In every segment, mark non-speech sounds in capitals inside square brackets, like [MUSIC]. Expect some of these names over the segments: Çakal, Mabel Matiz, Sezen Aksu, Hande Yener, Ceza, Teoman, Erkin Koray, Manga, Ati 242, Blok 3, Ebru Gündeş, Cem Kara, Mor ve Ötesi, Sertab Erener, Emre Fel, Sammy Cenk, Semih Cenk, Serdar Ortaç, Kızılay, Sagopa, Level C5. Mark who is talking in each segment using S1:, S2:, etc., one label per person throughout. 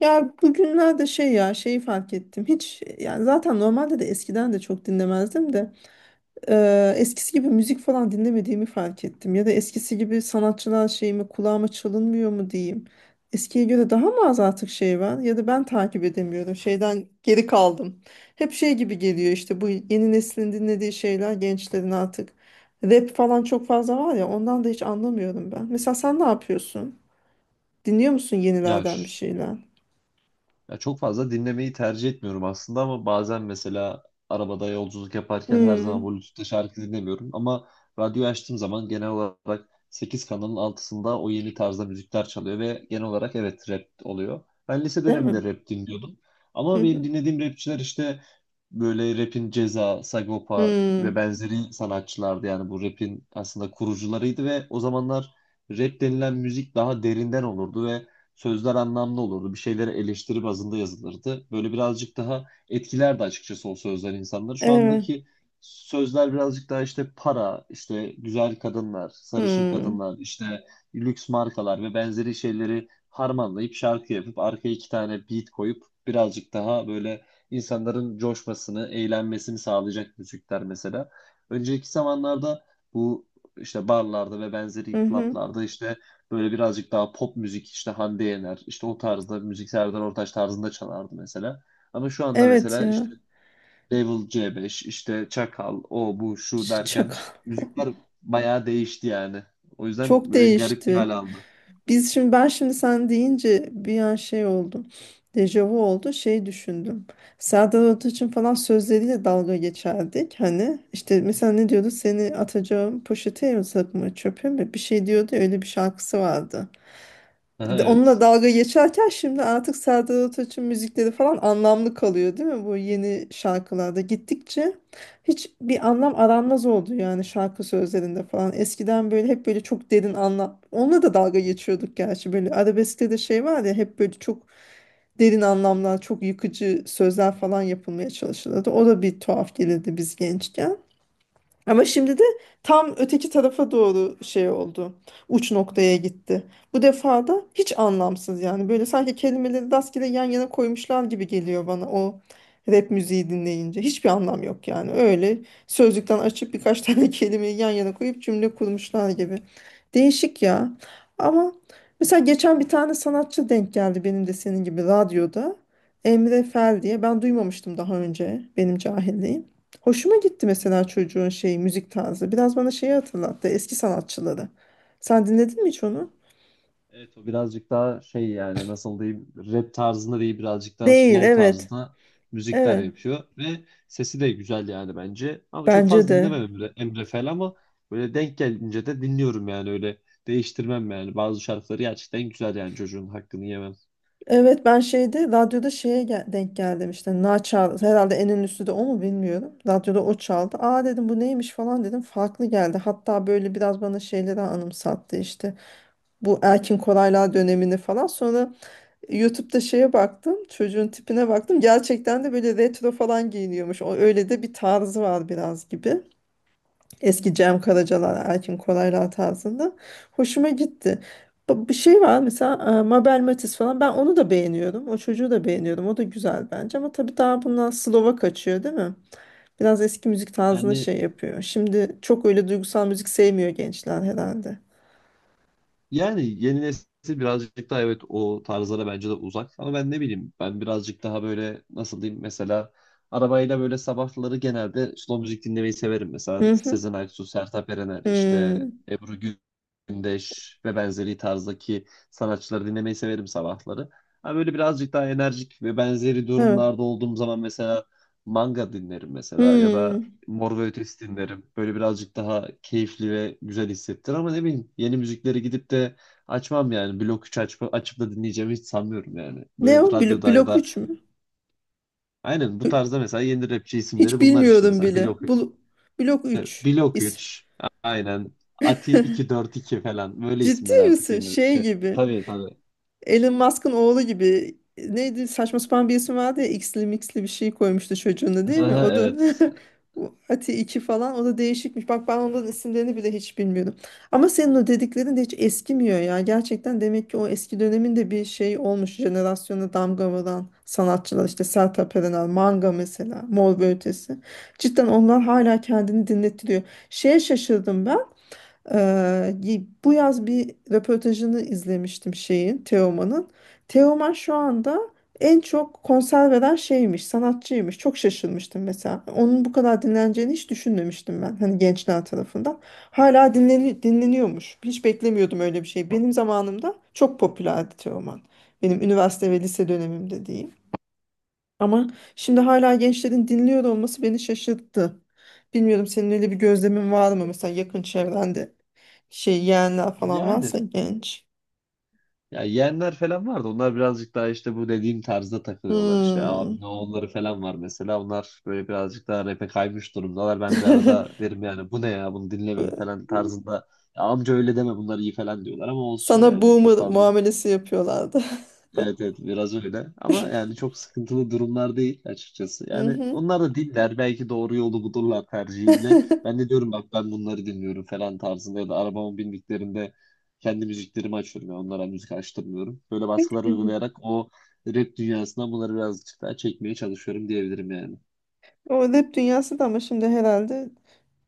S1: Ya bugünlerde şey ya şeyi fark ettim. Hiç yani zaten normalde de eskiden de çok dinlemezdim de eskisi gibi müzik falan dinlemediğimi fark ettim. Ya da eskisi gibi sanatçılar şeyimi kulağıma çalınmıyor mu diyeyim. Eskiye göre daha mı az artık şey var ya da ben takip edemiyorum. Şeyden geri kaldım. Hep şey gibi geliyor işte bu yeni neslin dinlediği şeyler gençlerin artık. Rap falan çok fazla var ya ondan da hiç anlamıyorum ben. Mesela sen ne yapıyorsun? Dinliyor musun
S2: Ya,
S1: yenilerden bir şeyler?
S2: ya çok fazla dinlemeyi tercih etmiyorum aslında ama bazen mesela arabada yolculuk yaparken her zaman
S1: Hmm.
S2: Bluetooth'ta şarkı dinlemiyorum ama radyoyu açtığım zaman genel olarak 8 kanalın altısında o yeni tarzda müzikler çalıyor ve genel olarak evet rap oluyor. Ben lise
S1: Değil mi?
S2: döneminde rap dinliyordum
S1: Hı
S2: ama benim
S1: hı.
S2: dinlediğim rapçiler işte böyle rapin Ceza, Sagopa ve
S1: Hmm.
S2: benzeri sanatçılardı yani bu rapin aslında kurucularıydı ve o zamanlar rap denilen müzik daha derinden olurdu ve sözler anlamlı olurdu. Bir şeyleri eleştiri bazında yazılırdı. Böyle birazcık daha etkilerdi açıkçası o sözler insanları. Şu
S1: Evet.
S2: andaki sözler birazcık daha işte para, işte güzel kadınlar, sarışın
S1: Hmm.
S2: kadınlar, işte lüks markalar ve benzeri şeyleri harmanlayıp şarkı yapıp arkaya iki tane beat koyup birazcık daha böyle insanların coşmasını, eğlenmesini sağlayacak müzikler mesela. Önceki zamanlarda bu işte barlarda ve
S1: Hı
S2: benzeri
S1: hı.
S2: klaplarda işte böyle birazcık daha pop müzik işte Hande Yener işte o tarzda müzik Serdar Ortaç tarzında çalardı mesela. Ama şu anda
S1: Evet
S2: mesela
S1: ya.
S2: işte Level C5 işte Çakal o bu şu
S1: Ç-
S2: derken
S1: Çok
S2: müzikler bayağı değişti yani. O yüzden
S1: Çok
S2: böyle garip bir
S1: değişti.
S2: hal aldı.
S1: Biz şimdi ben şimdi sen deyince bir an şey oldum. Dejavu oldu. Şey düşündüm. Serdar Ortaç'ın falan sözleriyle dalga geçerdik. Hani işte mesela ne diyordu? Seni atacağım poşete mi sakma çöpe mi? Bir şey diyordu. Ya, öyle bir şarkısı vardı.
S2: Aha,
S1: Onunla
S2: evet.
S1: dalga geçerken şimdi artık Serdar Ortaç'ın müzikleri falan anlamlı kalıyor değil mi? Bu yeni şarkılarda gittikçe hiç bir anlam aranmaz oldu yani şarkı sözlerinde falan. Eskiden böyle hep böyle çok derin anlam. Onunla da dalga geçiyorduk gerçi böyle arabeskte de şey var ya hep böyle çok derin anlamlar, çok yıkıcı sözler falan yapılmaya çalışılırdı. O da bir tuhaf gelirdi biz gençken. Ama şimdi de tam öteki tarafa doğru şey oldu. Uç noktaya gitti. Bu defa da hiç anlamsız yani. Böyle sanki kelimeleri rastgele yan yana koymuşlar gibi geliyor bana o rap müziği dinleyince. Hiçbir anlam yok yani. Öyle sözlükten açıp birkaç [LAUGHS] tane kelimeyi yan yana koyup cümle kurmuşlar gibi. Değişik ya. Ama mesela geçen bir tane sanatçı denk geldi benim de senin gibi radyoda. Emre Fel diye. Ben duymamıştım daha önce benim cahilliğim. Hoşuma gitti mesela çocuğun şeyi müzik tarzı. Biraz bana şeyi hatırlattı eski sanatçıları. Sen dinledin mi hiç onu?
S2: Evet, o birazcık daha şey yani nasıl diyeyim rap tarzında değil birazcık daha
S1: Değil
S2: slow
S1: evet.
S2: tarzında müzikler
S1: Evet.
S2: yapıyor ve sesi de güzel yani bence. Ama çok
S1: Bence
S2: fazla
S1: de.
S2: dinlemem Emre Fel ama böyle denk gelince de dinliyorum yani öyle değiştirmem yani bazı şarkıları gerçekten güzel yani çocuğun hakkını yemem.
S1: Evet ben şeyde radyoda denk geldim işte na çal herhalde en ünlüsü de o mu bilmiyorum. Radyoda o çaldı. Aa dedim bu neymiş falan dedim. Farklı geldi. Hatta böyle biraz bana şeyleri anımsattı işte. Bu Erkin Koraylar dönemini falan. Sonra YouTube'da şeye baktım, çocuğun tipine baktım. Gerçekten de böyle retro falan giyiniyormuş. O öyle de bir tarzı var biraz gibi. Eski Cem Karacalar, Erkin Koraylar tarzında. Hoşuma gitti. Bir şey var mesela Mabel Matiz falan. Ben onu da beğeniyorum. O çocuğu da beğeniyorum. O da güzel bence. Ama tabii daha bundan Slova kaçıyor değil mi? Biraz eski müzik tarzına
S2: Yani
S1: şey yapıyor. Şimdi çok öyle duygusal müzik sevmiyor gençler herhalde.
S2: Yani yeni nesil birazcık daha evet o tarzlara bence de uzak. Ama ben ne bileyim, ben birazcık daha böyle nasıl diyeyim mesela arabayla böyle sabahları genelde slow müzik dinlemeyi severim. Mesela
S1: Hı hı.
S2: Sezen Aksu, Sertab Erener, işte
S1: Hmm.
S2: Ebru Gündeş ve benzeri tarzdaki sanatçıları dinlemeyi severim sabahları. Ama böyle birazcık daha enerjik ve benzeri
S1: Evet.
S2: durumlarda olduğum zaman mesela manga dinlerim mesela ya da
S1: Hmm.
S2: Mor ve Ötesi dinlerim. Böyle birazcık daha keyifli ve güzel hissettir ama ne bileyim yeni müzikleri gidip de açmam yani. Blok 3 açıp da dinleyeceğimi hiç sanmıyorum yani.
S1: Ne
S2: Böyle
S1: o?
S2: radyoda ya
S1: Blok
S2: da
S1: 3.
S2: aynen bu tarzda mesela yeni rapçi isimleri
S1: Hiç
S2: bunlar işte
S1: bilmiyorum
S2: mesela
S1: bile.
S2: Blok,
S1: Blok
S2: işte
S1: 3.
S2: Blok
S1: İsim.
S2: 3, aynen Ati 242 falan böyle
S1: Ciddi
S2: isimler artık
S1: misin?
S2: yeni
S1: Şey
S2: şey.
S1: gibi.
S2: Tabii, tabii.
S1: Elon Musk'ın oğlu gibi neydi saçma sapan bir isim vardı ya X'li mixli bir şey koymuştu çocuğuna değil mi?
S2: [LAUGHS]
S1: O da
S2: Evet.
S1: [LAUGHS] bu Ati 2 falan o da değişikmiş. Bak ben onların isimlerini bile hiç bilmiyordum. Ama senin o dediklerin de hiç eskimiyor ya. Gerçekten demek ki o eski döneminde bir şey olmuş. Jenerasyona damga vuran sanatçılar işte Sertab Erener, Manga mesela, Mor ve Ötesi. Cidden onlar hala kendini dinlettiriyor. Şeye şaşırdım ben. Bu yaz bir röportajını izlemiştim şeyin, Teoman'ın. Teoman şu anda en çok konser veren şeymiş, sanatçıymış. Çok şaşırmıştım mesela. Onun bu kadar dinleneceğini hiç düşünmemiştim ben. Hani gençler tarafından. Hala dinleniyormuş. Hiç beklemiyordum öyle bir şey. Benim zamanımda çok popülerdi Teoman. Benim üniversite ve lise dönemimde diyeyim. Ama şimdi hala gençlerin dinliyor olması beni şaşırttı. Bilmiyorum senin öyle bir gözlemin var mı? Mesela yakın çevrende şey yeğenler falan
S2: Yani
S1: varsa genç.
S2: ya yeğenler falan vardı. Onlar birazcık daha işte bu dediğim tarzda takılıyorlar. İşte
S1: Hmm.
S2: abi ne onları falan var mesela. Onlar böyle birazcık daha rap'e kaymış durumdalar. Ben de arada
S1: [LAUGHS]
S2: derim yani bu ne ya bunu dinlemeyin falan tarzında. Ya amca öyle deme bunlar iyi falan diyorlar ama olsun
S1: Sana
S2: yani. Çok
S1: boomer
S2: fazla
S1: muamelesi yapıyorlardı. [LAUGHS]
S2: evet, evet, biraz öyle ama yani çok sıkıntılı durumlar değil açıkçası. Yani
S1: Mhm.
S2: onlar da dinler belki doğru yolu bulurlar tercihinde. Ben de diyorum bak ben bunları dinliyorum falan tarzında ya da arabama bindiklerinde kendi müziklerimi açıyorum. Yani onlara müzik açtırmıyorum. Böyle baskılar
S1: [LAUGHS]
S2: uygulayarak o rap dünyasından bunları birazcık daha çekmeye çalışıyorum diyebilirim yani.
S1: O rap dünyası da ama şimdi herhalde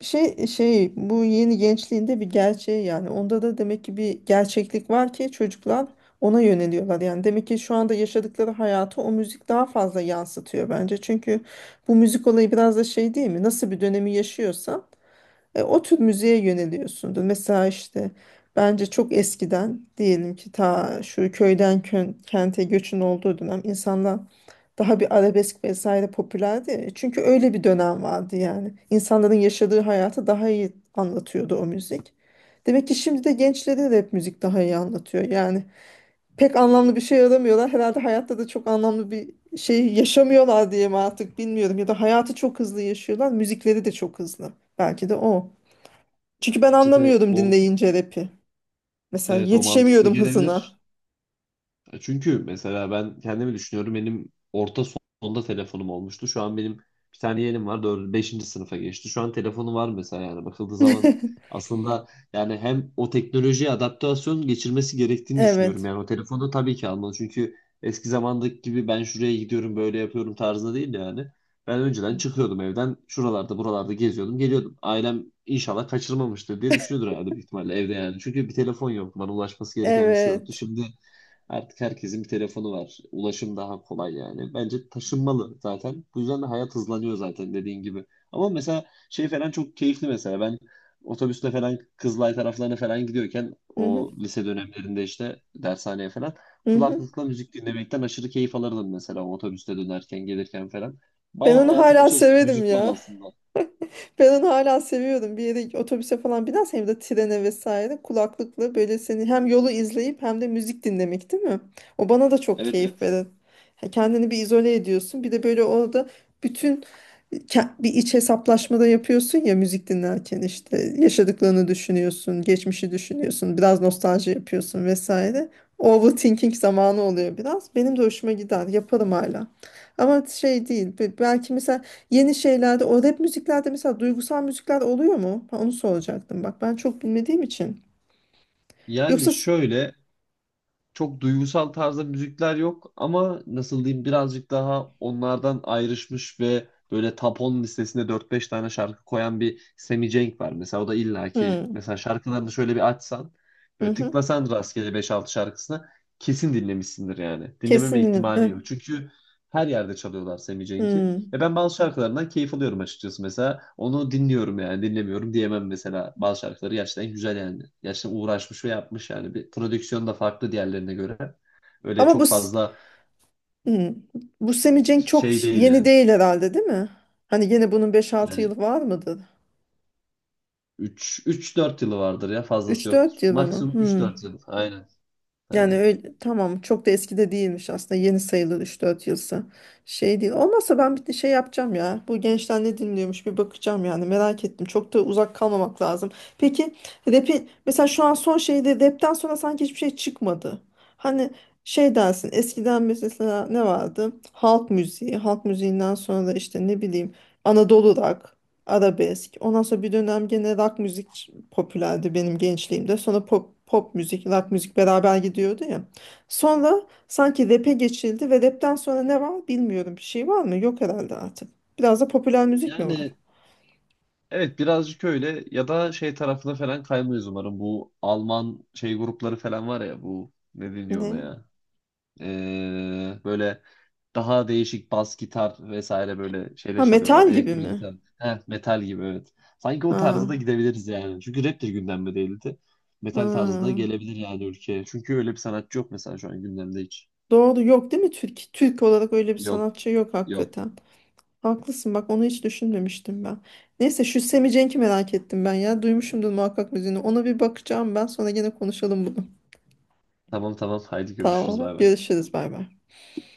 S1: şey bu yeni gençliğinde bir gerçeği yani onda da demek ki bir gerçeklik var ki çocuklar ona yöneliyorlar yani demek ki şu anda yaşadıkları hayatı o müzik daha fazla yansıtıyor bence çünkü bu müzik olayı biraz da şey değil mi nasıl bir dönemi yaşıyorsan o tür müziğe yöneliyorsundur. Mesela işte bence çok eskiden diyelim ki ta şu köyden kente göçün olduğu dönem insanlar daha bir arabesk vesaire popülerdi. Çünkü öyle bir dönem vardı yani. İnsanların yaşadığı hayatı daha iyi anlatıyordu o müzik. Demek ki şimdi de gençlere de hep müzik daha iyi anlatıyor. Yani pek anlamlı bir şey aramıyorlar. Herhalde hayatta da çok anlamlı bir şey yaşamıyorlar diye mi artık bilmiyorum. Ya da hayatı çok hızlı yaşıyorlar. Müzikleri de çok hızlı. Belki de o. Çünkü
S2: Ya
S1: ben
S2: bence de
S1: anlamıyordum
S2: o,
S1: dinleyince rap'i. Mesela
S2: evet o mantıklı
S1: yetişemiyordum
S2: gelebilir.
S1: hızına.
S2: Çünkü mesela ben kendimi düşünüyorum. Benim orta sonda telefonum olmuştu. Şu an benim bir tane yeğenim var. 4, beşinci sınıfa geçti. Şu an telefonu var mesela yani bakıldığı zaman
S1: [LAUGHS]
S2: aslında yani hem o teknolojiye adaptasyon geçirmesi gerektiğini düşünüyorum.
S1: Evet.
S2: Yani o telefonu tabii ki almalı. Çünkü eski zamandaki gibi ben şuraya gidiyorum böyle yapıyorum tarzında değil yani. Ben önceden çıkıyordum evden. Şuralarda buralarda geziyordum geliyordum. Ailem inşallah kaçırmamıştır diye düşünüyordur herhalde büyük ihtimalle evde yani. Çünkü bir telefon yoktu. Bana ulaşması gereken bir şey yoktu.
S1: Evet.
S2: Şimdi artık herkesin bir telefonu var. Ulaşım daha kolay yani. Bence taşınmalı zaten. Bu yüzden de hayat hızlanıyor zaten dediğin gibi. Ama mesela şey falan çok keyifli mesela. Ben otobüste falan Kızılay taraflarına falan gidiyorken
S1: Hı hı.
S2: o lise dönemlerinde işte dershaneye falan
S1: Hı hı.
S2: kulaklıkla müzik dinlemekten aşırı keyif alırdım mesela o otobüste dönerken gelirken falan.
S1: Ben
S2: Bayağı
S1: onu
S2: hayatım
S1: hala
S2: içerisinde
S1: severim
S2: müzik var
S1: ya.
S2: aslında.
S1: Ben onu hala seviyordum. Bir yere otobüse falan binersen hem de trene vesaire kulaklıkla böyle seni hem yolu izleyip hem de müzik dinlemek değil mi? O bana da çok
S2: Evet,
S1: keyif
S2: evet.
S1: verir. Ha, kendini bir izole ediyorsun. Bir de böyle orada bütün bir iç hesaplaşmada yapıyorsun ya müzik dinlerken işte yaşadıklarını düşünüyorsun, geçmişi düşünüyorsun, biraz nostalji yapıyorsun vesaire. Overthinking zamanı oluyor biraz. Benim de hoşuma gider. Yaparım hala. Ama şey değil. Belki mesela yeni şeylerde o rap müziklerde mesela duygusal müzikler oluyor mu? Ha, onu soracaktım. Bak ben çok bilmediğim için.
S2: Yani
S1: Yoksa s-
S2: şöyle çok duygusal tarzda müzikler yok ama nasıl diyeyim birazcık daha onlardan ayrışmış ve böyle top 10 listesinde dört beş tane şarkı koyan bir Sammy Cenk var. Mesela o da illaki
S1: Hmm,
S2: mesela şarkılarını şöyle bir açsan
S1: hı
S2: böyle
S1: hı.
S2: tıklasan rastgele beş altı şarkısına kesin dinlemişsindir yani. Dinlememe
S1: Kesin
S2: ihtimali
S1: hı,
S2: yok. Çünkü her yerde çalıyorlar Sammy Cenk'i.
S1: hı.
S2: Ve ben bazı şarkılarından keyif alıyorum açıkçası mesela. Onu dinliyorum yani dinlemiyorum diyemem mesela. Bazı şarkıları gerçekten güzel yani. Gerçekten uğraşmış ve yapmış yani. Bir prodüksiyon da farklı diğerlerine göre. Öyle
S1: Ama bu
S2: çok
S1: s-
S2: fazla
S1: hı. Bu Semih Cenk çok
S2: şey değil
S1: yeni
S2: yani.
S1: değil herhalde değil mi? Hani yine bunun beş altı yılı
S2: Yani
S1: var mıdır?
S2: üç dört yılı vardır ya fazlası
S1: Üç dört
S2: yoktur.
S1: yılı mı?
S2: Maksimum üç
S1: Hı.
S2: dört yıl. Aynen.
S1: Yani
S2: Aynen.
S1: öyle, tamam çok da eski de değilmiş aslında yeni sayılır 3-4 yılsa şey değil olmazsa ben bir de şey yapacağım ya bu gençler ne dinliyormuş bir bakacağım yani merak ettim çok da uzak kalmamak lazım, peki rapi mesela şu an son şeyde rapten sonra sanki hiçbir şey çıkmadı hani şey dersin eskiden mesela ne vardı halk müziği halk müziğinden sonra da işte ne bileyim Anadolu rock arabesk. Ondan sonra bir dönem gene rock müzik popülerdi benim gençliğimde. Sonra pop müzik, rock müzik beraber gidiyordu ya. Sonra sanki rap'e geçildi ve rap'ten sonra ne var bilmiyorum. Bir şey var mı? Yok herhalde artık. Biraz da popüler müzik mi var?
S2: Yani evet birazcık öyle ya da şey tarafına falan kaymayız umarım. Bu Alman şey grupları falan var ya bu ne deniyor ona
S1: Ne?
S2: ya? Böyle daha değişik bas gitar vesaire böyle şeyle
S1: Ha
S2: çalıyorlar.
S1: metal gibi
S2: Elektro
S1: mi?
S2: gitar. Heh, metal gibi, evet. Sanki o tarzda da
S1: Ha,
S2: gidebiliriz yani. Çünkü rap de gündemde değildi.
S1: ha.
S2: Metal tarzı da gelebilir yani ülkeye. Çünkü öyle bir sanatçı yok mesela şu an gündemde hiç.
S1: Doğru yok değil mi? Türk olarak öyle bir
S2: Yok,
S1: sanatçı yok
S2: yok.
S1: hakikaten. Haklısın bak onu hiç düşünmemiştim ben. Neyse şu Semi merak ettim ben ya. Duymuşumdur muhakkak müziğini. Ona bir bakacağım ben sonra gene konuşalım bunu.
S2: Tamam, tamam, haydi görüşürüz,
S1: Tamam
S2: bay bay.
S1: görüşürüz bay bay.